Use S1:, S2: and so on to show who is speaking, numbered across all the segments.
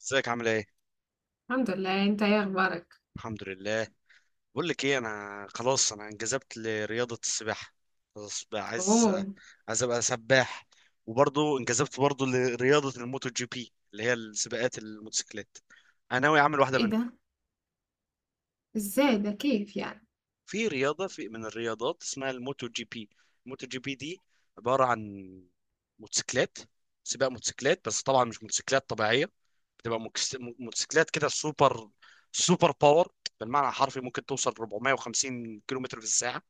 S1: ازيك، عامل ايه؟
S2: الحمد لله. انت ايه اخبارك؟
S1: الحمد لله. بقول لك ايه، انا خلاص، انا انجذبت لرياضه السباحه. خلاص بقى، عايز
S2: اوه.
S1: عايز ابقى سباح. وبرضه انجذبت برضه لرياضه الموتو جي بي اللي هي السباقات الموتوسيكلات. انا ناوي اعمل واحده
S2: ايه
S1: منهم.
S2: ده؟ ازاي ده؟ كيف يعني؟
S1: في من الرياضات اسمها الموتو جي بي. الموتو جي بي دي عباره عن موتوسيكلات، سباق موتوسيكلات، بس طبعا مش موتوسيكلات طبيعيه. بتبقى موتوسيكلات كده سوبر، سوبر باور. بالمعنى الحرفي، ممكن توصل 450 كيلومتر في الساعه.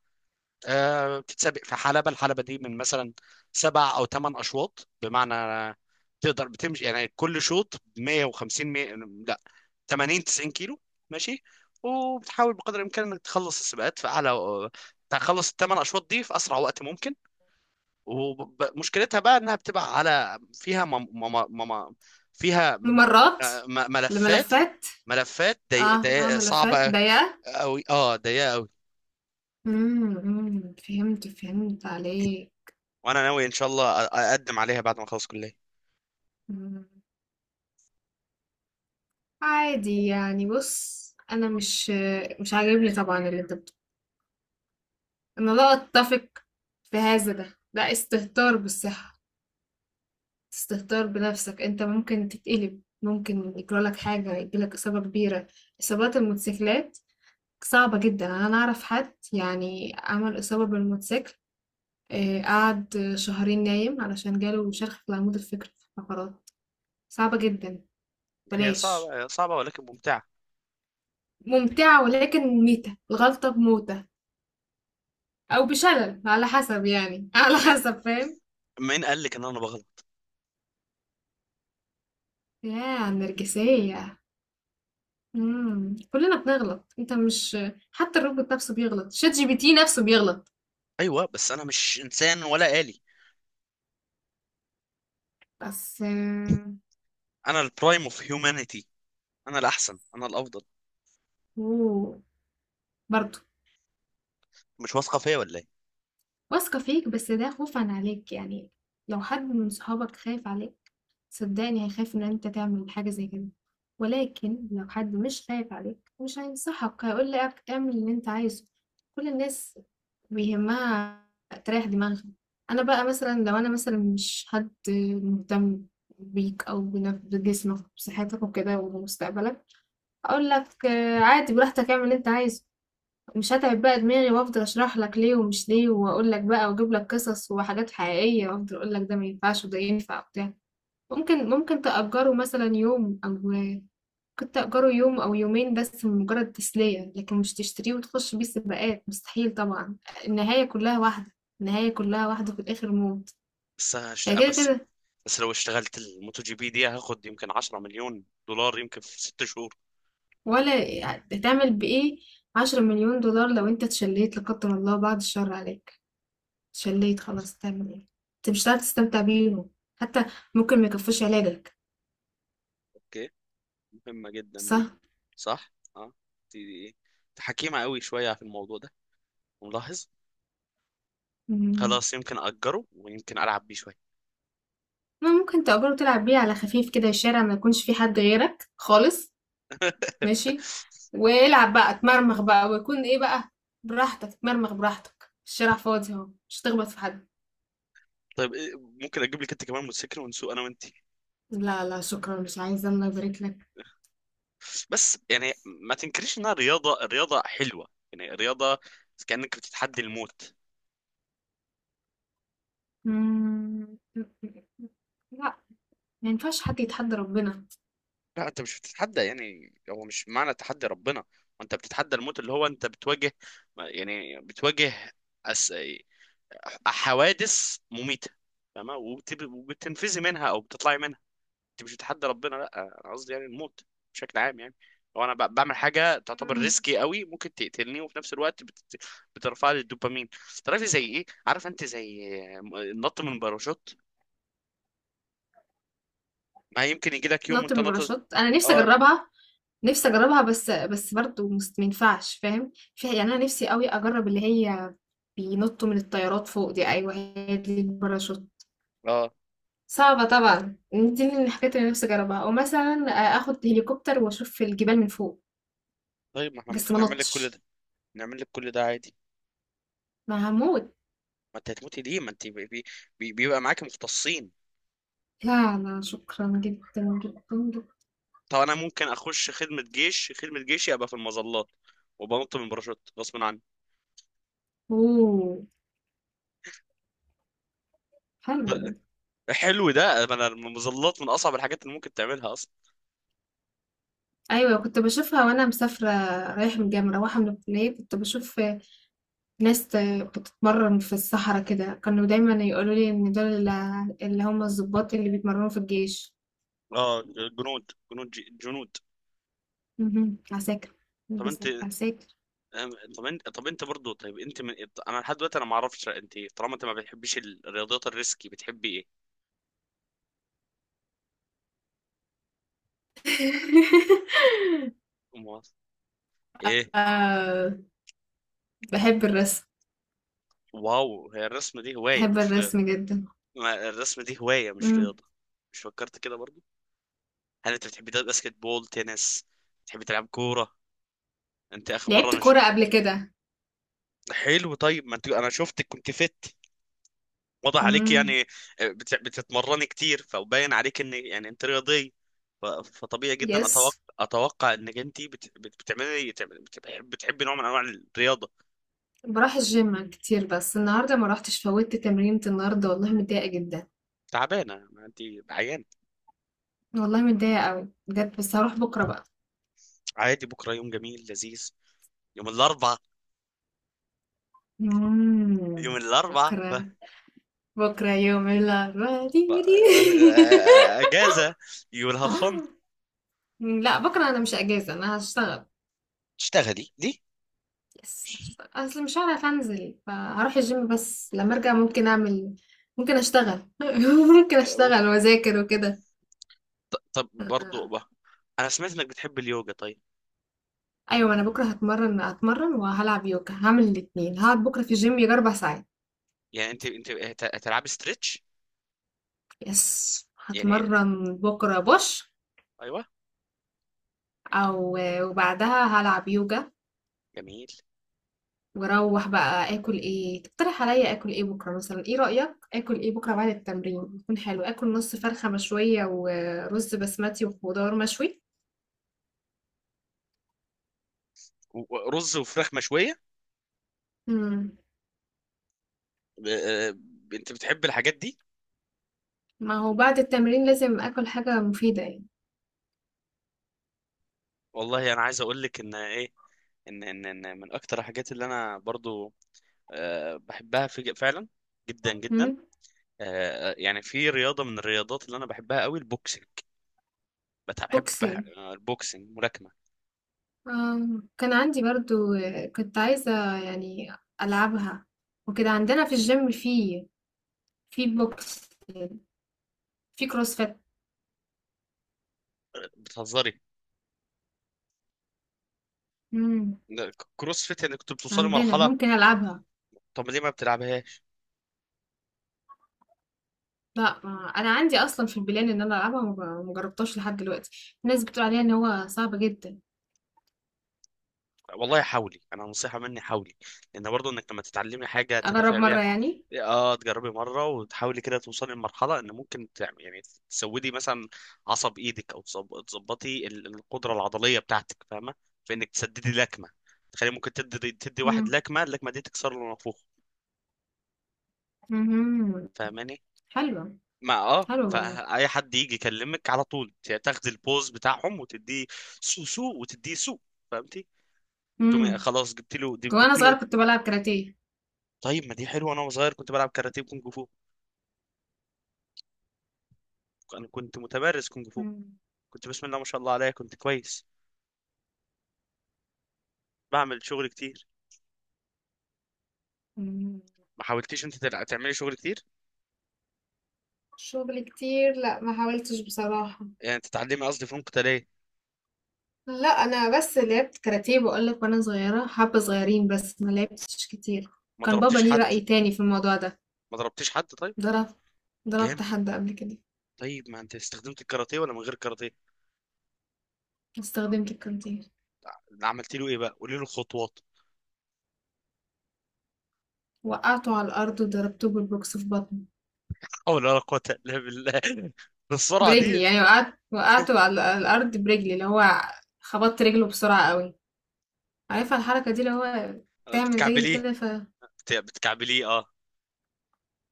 S1: آه، بتتسابق في حلبه. الحلبه دي من مثلا سبع او ثمان اشواط، بمعنى تقدر بتمشي يعني كل شوط 150، 100، لا، 80، 90 كيلو ماشي. وبتحاول بقدر الامكان انك تخلص السباقات في اعلى، تخلص الثمان اشواط دي في اسرع وقت ممكن. ومشكلتها بقى انها بتبقى على، فيها مم فيها م-
S2: ممرات.
S1: م- ملفات
S2: لملفات.
S1: ملفات ضيق
S2: اه. اه
S1: ضيق،
S2: ملفات
S1: صعبة
S2: ضيقة.
S1: قوي، اه، ضيقة قوي.
S2: أمم، فهمت عليه.
S1: وانا ناوي ان شاء الله اقدم عليها بعد ما اخلص كلية.
S2: أمم، عادي يعني. بص، انا مش عاجبني طبعا اللي انت بتقوله. انا لا اتفق في هذا ده. ده استهتار بالصحة، استهتار بنفسك. انت ممكن تتقلب، ممكن يجرالك حاجة، يجيلك اصابة كبيرة. اصابات الموتوسيكلات صعبة جدا. أنا أعرف حد يعني عمل إصابة بالموتوسيكل، قعد شهرين نايم علشان جاله شرخ في العمود الفقري في الفقرات. صعبة جدا.
S1: هي
S2: بلاش.
S1: صعبة صعبة، ولكن ممتعة.
S2: ممتعة ولكن ميتة الغلطة بموتة، أو بشلل على حسب يعني على
S1: مين
S2: حسب، فاهم؟
S1: مين قال لك ان انا بغلط؟
S2: يا النرجسية! مم. كلنا بنغلط، انت مش حتى الروبوت نفسه بيغلط، شات جي بي تي نفسه بيغلط.
S1: ايوه، بس انا مش انسان ولا آلي.
S2: بس
S1: انا البرايم اوف هيومانيتي. انا الاحسن، انا الافضل.
S2: اوه. برضه
S1: مش واثقة فيا ولا ايه؟
S2: واثقة فيك بس ده خوفًا عليك، يعني لو حد من صحابك خايف عليك، صدّقني هيخاف إن أنت تعمل حاجة زي كده، ولكن لو حد مش خايف عليك، مش هينصحك، هيقول لك اعمل اللي أنت عايزه. كل الناس بيهمها تريّح دماغها. أنا بقى مثلًا، لو أنا مثلًا مش حد مهتم بيك أو بجسمك وبصحتك وكده وبمستقبلك، هاقول لك عادي، براحتك، اعمل اللي أنت عايزه. مش هتعب بقى دماغي وافضل اشرح لك ليه ومش ليه، واقول لك بقى واجيب لك قصص وحاجات حقيقيه، وافضل اقول لك ده ما ينفعش وده ينفع وبتاع. ممكن تأجره مثلا يوم او كنت تأجره يوم او يومين بس مجرد تسليه، لكن مش تشتريه وتخش بيه سباقات، مستحيل طبعا. النهايه كلها واحده، النهايه كلها واحده، في الاخر موت.
S1: بس هشت...
S2: يعني كده
S1: بس
S2: كده.
S1: بس لو اشتغلت الموتو جي بي دي، هاخد يمكن 10 مليون دولار يمكن في 6 شهور.
S2: ولا هتعمل بايه؟ 10 مليون دولار لو انت اتشليت لا قدر الله، بعد الشر عليك، شليت خلاص، تعمل ايه؟ انت مش هتعرف تستمتع بيهم. حتى ممكن ما يكفوش علاجك.
S1: اوكي، مهمة جدا دي.
S2: صح.
S1: صح، اه، دي انت حكيمة قوي شوية في الموضوع ده، ملاحظ.
S2: مم.
S1: خلاص، يمكن أجره ويمكن ألعب بيه شوية.
S2: ما ممكن تأجره، تلعب بيه على خفيف كده، الشارع ما يكونش فيه حد غيرك خالص. ماشي، والعب بقى، اتمرمغ بقى، ويكون ايه بقى. براحتك اتمرمغ براحتك، الشارع فاضي اهو، مش هتخبط في حد.
S1: طيب إيه، ممكن أجيب لك أنت كمان موتوسيكل ونسوق أنا وأنت؟
S2: لا، لا، شكرا، مش عايزة، الله يبارك لك.
S1: بس يعني، ما تنكريش إنها رياضة، رياضة حلوة، يعني رياضة. كأنك بتتحدي الموت.
S2: مم. لا. ما ينفعش حد يتحدى ربنا.
S1: لا، أنت مش بتتحدى، يعني هو مش معنى تحدي ربنا. وأنت بتتحدى الموت، اللي هو أنت بتواجه، يعني بتواجه أس... حوادث مميتة، فاهمة؟ وبتنفذي منها أو بتطلعي منها. أنت مش بتحدى ربنا، لأ. أنا قصدي يعني الموت بشكل عام، يعني لو أنا بعمل حاجة تعتبر
S2: مم.
S1: ريسكي قوي، ممكن تقتلني، وفي نفس الوقت بترفع لي الدوبامين. تعرفي زي إيه؟ عارف أنت، زي النط من باراشوت. ما يمكن يجي لك يوم
S2: نط
S1: وأنت
S2: من
S1: نط.
S2: الباراشوت، انا نفسي
S1: آه،
S2: اجربها. نفسي اجربها بس برضه ما ينفعش، فاهم؟ في يعني انا نفسي قوي اجرب اللي هي بينطوا من الطيارات فوق دي، ايوه هي دي الباراشوت.
S1: آه.
S2: صعبة طبعا، دي من الحاجات اللي نفسي اجربها، او مثلا اخد هليكوبتر واشوف الجبال من فوق.
S1: طيب، ما احنا
S2: بس
S1: ممكن
S2: ما
S1: نعمل لك كل
S2: نطش،
S1: ده. نعمل لك كل ده عادي.
S2: ما هموت.
S1: ما انت هتموتي ليه؟ ما انت بيبقى معاك مختصين.
S2: لا، لا، شكرا جدا جدا جدا.
S1: طب انا ممكن اخش خدمه جيشي ابقى في المظلات، وبنط من باراشوت غصب عني.
S2: اوه. حلو ده.
S1: حلو ده. انا المظلات من اصعب الحاجات اللي ممكن تعملها اصلا.
S2: ايوه كنت بشوفها وانا مسافره، رايحه من الجامعه، مروحه من الكليه. كنت بشوف لسه بتتمرن في الصحراء كده. كانوا دايما يقولوا لي ان دول ال- اللي هم الضباط اللي بيتمرنوا في الجيش.
S1: اه، جنود.
S2: مهم. عساكر.
S1: طب انت،
S2: عساكر.
S1: طب انت برضه، طيب انت من... انا لحد دلوقتي انا ما اعرفش انت إيه. طالما انت ما بتحبيش الرياضيات الريسكي، بتحبي ايه؟ أمال ايه؟
S2: آه. بحب الرسم
S1: واو، هي الرسم دي هوايه
S2: بحب
S1: مش رياضه.
S2: الرسم جدا.
S1: ما الرسم دي هوايه مش
S2: مم.
S1: رياضه. مش فكرت كده برضه. هل انت بتحبي تلعب باسكت بول، تنس؟ بتحبي تلعب كوره؟ انت اخر مره،
S2: لعبت
S1: انا.
S2: كورة قبل كده.
S1: حلو، طيب ما انت، انا شفتك كنت فت، واضح عليك
S2: مم.
S1: يعني. آه، بتتمرني كتير، فباين عليك ان يعني انت رياضي. فطبيعي جدا،
S2: يس.
S1: اتوقع انك انت بت- بت- بتعملي بتحب بتحبي نوع من انواع الرياضه.
S2: بروح الجيم كتير بس النهاردة ما روحتش، فوتت تمرينة النهاردة، والله متضايقة جدا.
S1: تعبانه ما انت، عيان.
S2: والله متضايقة قوي بجد، بس هروح بكرة بقى.
S1: عادي، بكره يوم جميل لذيذ. يوم الاربعاء،
S2: مم.
S1: يوم الاربعاء ف...
S2: بكرة.
S1: ف-
S2: بكرة يوم الأربعاء، ديري.
S1: اجازه يو ويل هاف فن.
S2: لا، بكرة أنا مش أجازة، أنا هشتغل.
S1: تشتغلي ليه؟
S2: يس، هشتغل، أصل مش هعرف أنزل، فهروح الجيم، بس لما أرجع ممكن أعمل، ممكن أشتغل. ممكن
S1: أه،
S2: أشتغل وأذاكر وكده.
S1: طب برضو
S2: أنا...
S1: بقى. انا سمعت انك بتحب اليوجا، طيب.
S2: أيوة، أنا بكرة هتمرن وهلعب يوجا، هعمل الاتنين. هقعد بكرة في الجيم يجي 4 ساعات.
S1: يعني انت هتلعبي ستريتش،
S2: يس،
S1: يعني
S2: هتمرن بكرة بوش،
S1: ايوه.
S2: أو، وبعدها هلعب يوجا.
S1: جميل.
S2: واروح بقى اكل ايه؟ تقترح عليا اكل ايه بكره مثلا؟ ايه رايك، اكل ايه بكره بعد التمرين يكون حلو؟ اكل نص فرخه مشويه ورز بسمتي وخضار مشوي.
S1: ورز وفراخ مشويه؟
S2: امم
S1: ب- آه، انت بتحب الحاجات دي؟
S2: ما هو بعد التمرين لازم اكل حاجه مفيده يعني.
S1: والله، انا عايز اقول لك ان ايه، ان من اكتر الحاجات اللي انا برضو، بحبها في فعلا، جدا جدا.
S2: امم
S1: يعني في رياضه من الرياضات اللي انا بحبها قوي، البوكسنج. بحب
S2: بوكسين.
S1: البوكسنج ملاكمه.
S2: آه. كان عندي برضو، كنت عايزه يعني العبها وكده. عندنا في الجيم في بوكس، في كروسفيت.
S1: بتهزري؟
S2: امم
S1: ده كروس فيت، يعني كنت بتوصلي
S2: عندنا
S1: مرحله؟
S2: ممكن العبها.
S1: طب ليه ما بتلعبهاش؟
S2: لأ، ما أنا عندي أصلًا في البلان إن أنا ألعبها، وما ما جربتهاش لحد دلوقتي، الناس بتقول عليها إن هو صعب جدًا.
S1: والله حاولي، انا نصيحه مني، حاولي، لان برضو انك لما تتعلمي حاجه
S2: أجرب
S1: تدافع
S2: مرة
S1: بيها.
S2: يعني؟
S1: اه، تجربي مره وتحاولي كده توصلي لمرحله ان ممكن تعمل، يعني تسودي مثلا عصب ايدك، او تظبطي القدره العضليه بتاعتك، فاهمه؟ في انك تسددي لكمه. تخلي ممكن تدي واحد
S2: إمم،
S1: لكمه، اللكمه دي تكسر له نافوخه،
S2: اهم،
S1: فاهماني؟
S2: حلوة.
S1: ما اه،
S2: حلوة والله.
S1: فاي حد يجي يكلمك على طول، تاخدي البوز بتاعهم وتديه سو، سو وتديه سو، فهمتي؟ تقومي
S2: إمم،
S1: خلاص، جبت له،
S2: وأنا
S1: جبت له.
S2: صغيرة كنت بالعب كاراتيه.
S1: طيب ما دي حلوه، انا صغير كنت بلعب كاراتيه وكونج فو. انا كنت متمرس كونج فو.
S2: إمم،
S1: كنت، بسم الله ما شاء الله عليا، كنت كويس، بعمل شغل كتير.
S2: إمم،
S1: ما حاولتيش انت تعملي شغل كتير؟
S2: شغل كتير؟ لأ، ما حاولتش بصراحة.
S1: يعني تتعلمي، قصدي، فنون قتاليه.
S2: لأ، أنا بس لعبت كاراتيه باقول لك وأنا صغيرة، حبة صغيرين بس، ما لعبتش كتير.
S1: ما
S2: كان بابا
S1: ضربتيش
S2: ليه
S1: حد؟
S2: رأي تاني في الموضوع ده.
S1: ما ضربتيش حد، طيب؟
S2: ضرب ضربت
S1: جامد.
S2: حد قبل كده.
S1: طيب ما انت استخدمت الكاراتيه ولا من غير كاراتيه؟
S2: استخدمت الكاراتيه.
S1: عملت له ايه بقى، قولي له الخطوات.
S2: وقعته على الأرض وضربته بالبوكس في بطنه.
S1: او، لا لا قوه الا بالله. بالسرعه
S2: برجلي،
S1: دي؟
S2: يعني وقعت وقعته على الأرض برجلي، اللي هو خبطت رجله بسرعة قوي. عارفة الحركة دي، اللي هو تعمل رجلي
S1: بتكعبليه؟
S2: كده، ف
S1: بتكعبليه، اه.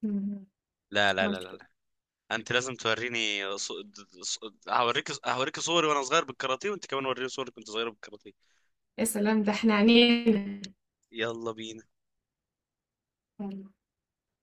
S2: مم،
S1: لا لا لا
S2: عملت
S1: لا
S2: كده.
S1: لا. انت لازم توريني ص... هوريك صوري وانا صغير بالكاراتيه، وانت كمان وريني صورك وانت صغير بالكاراتيه.
S2: يا سلام، ده احنا عنينا!
S1: يلا بينا.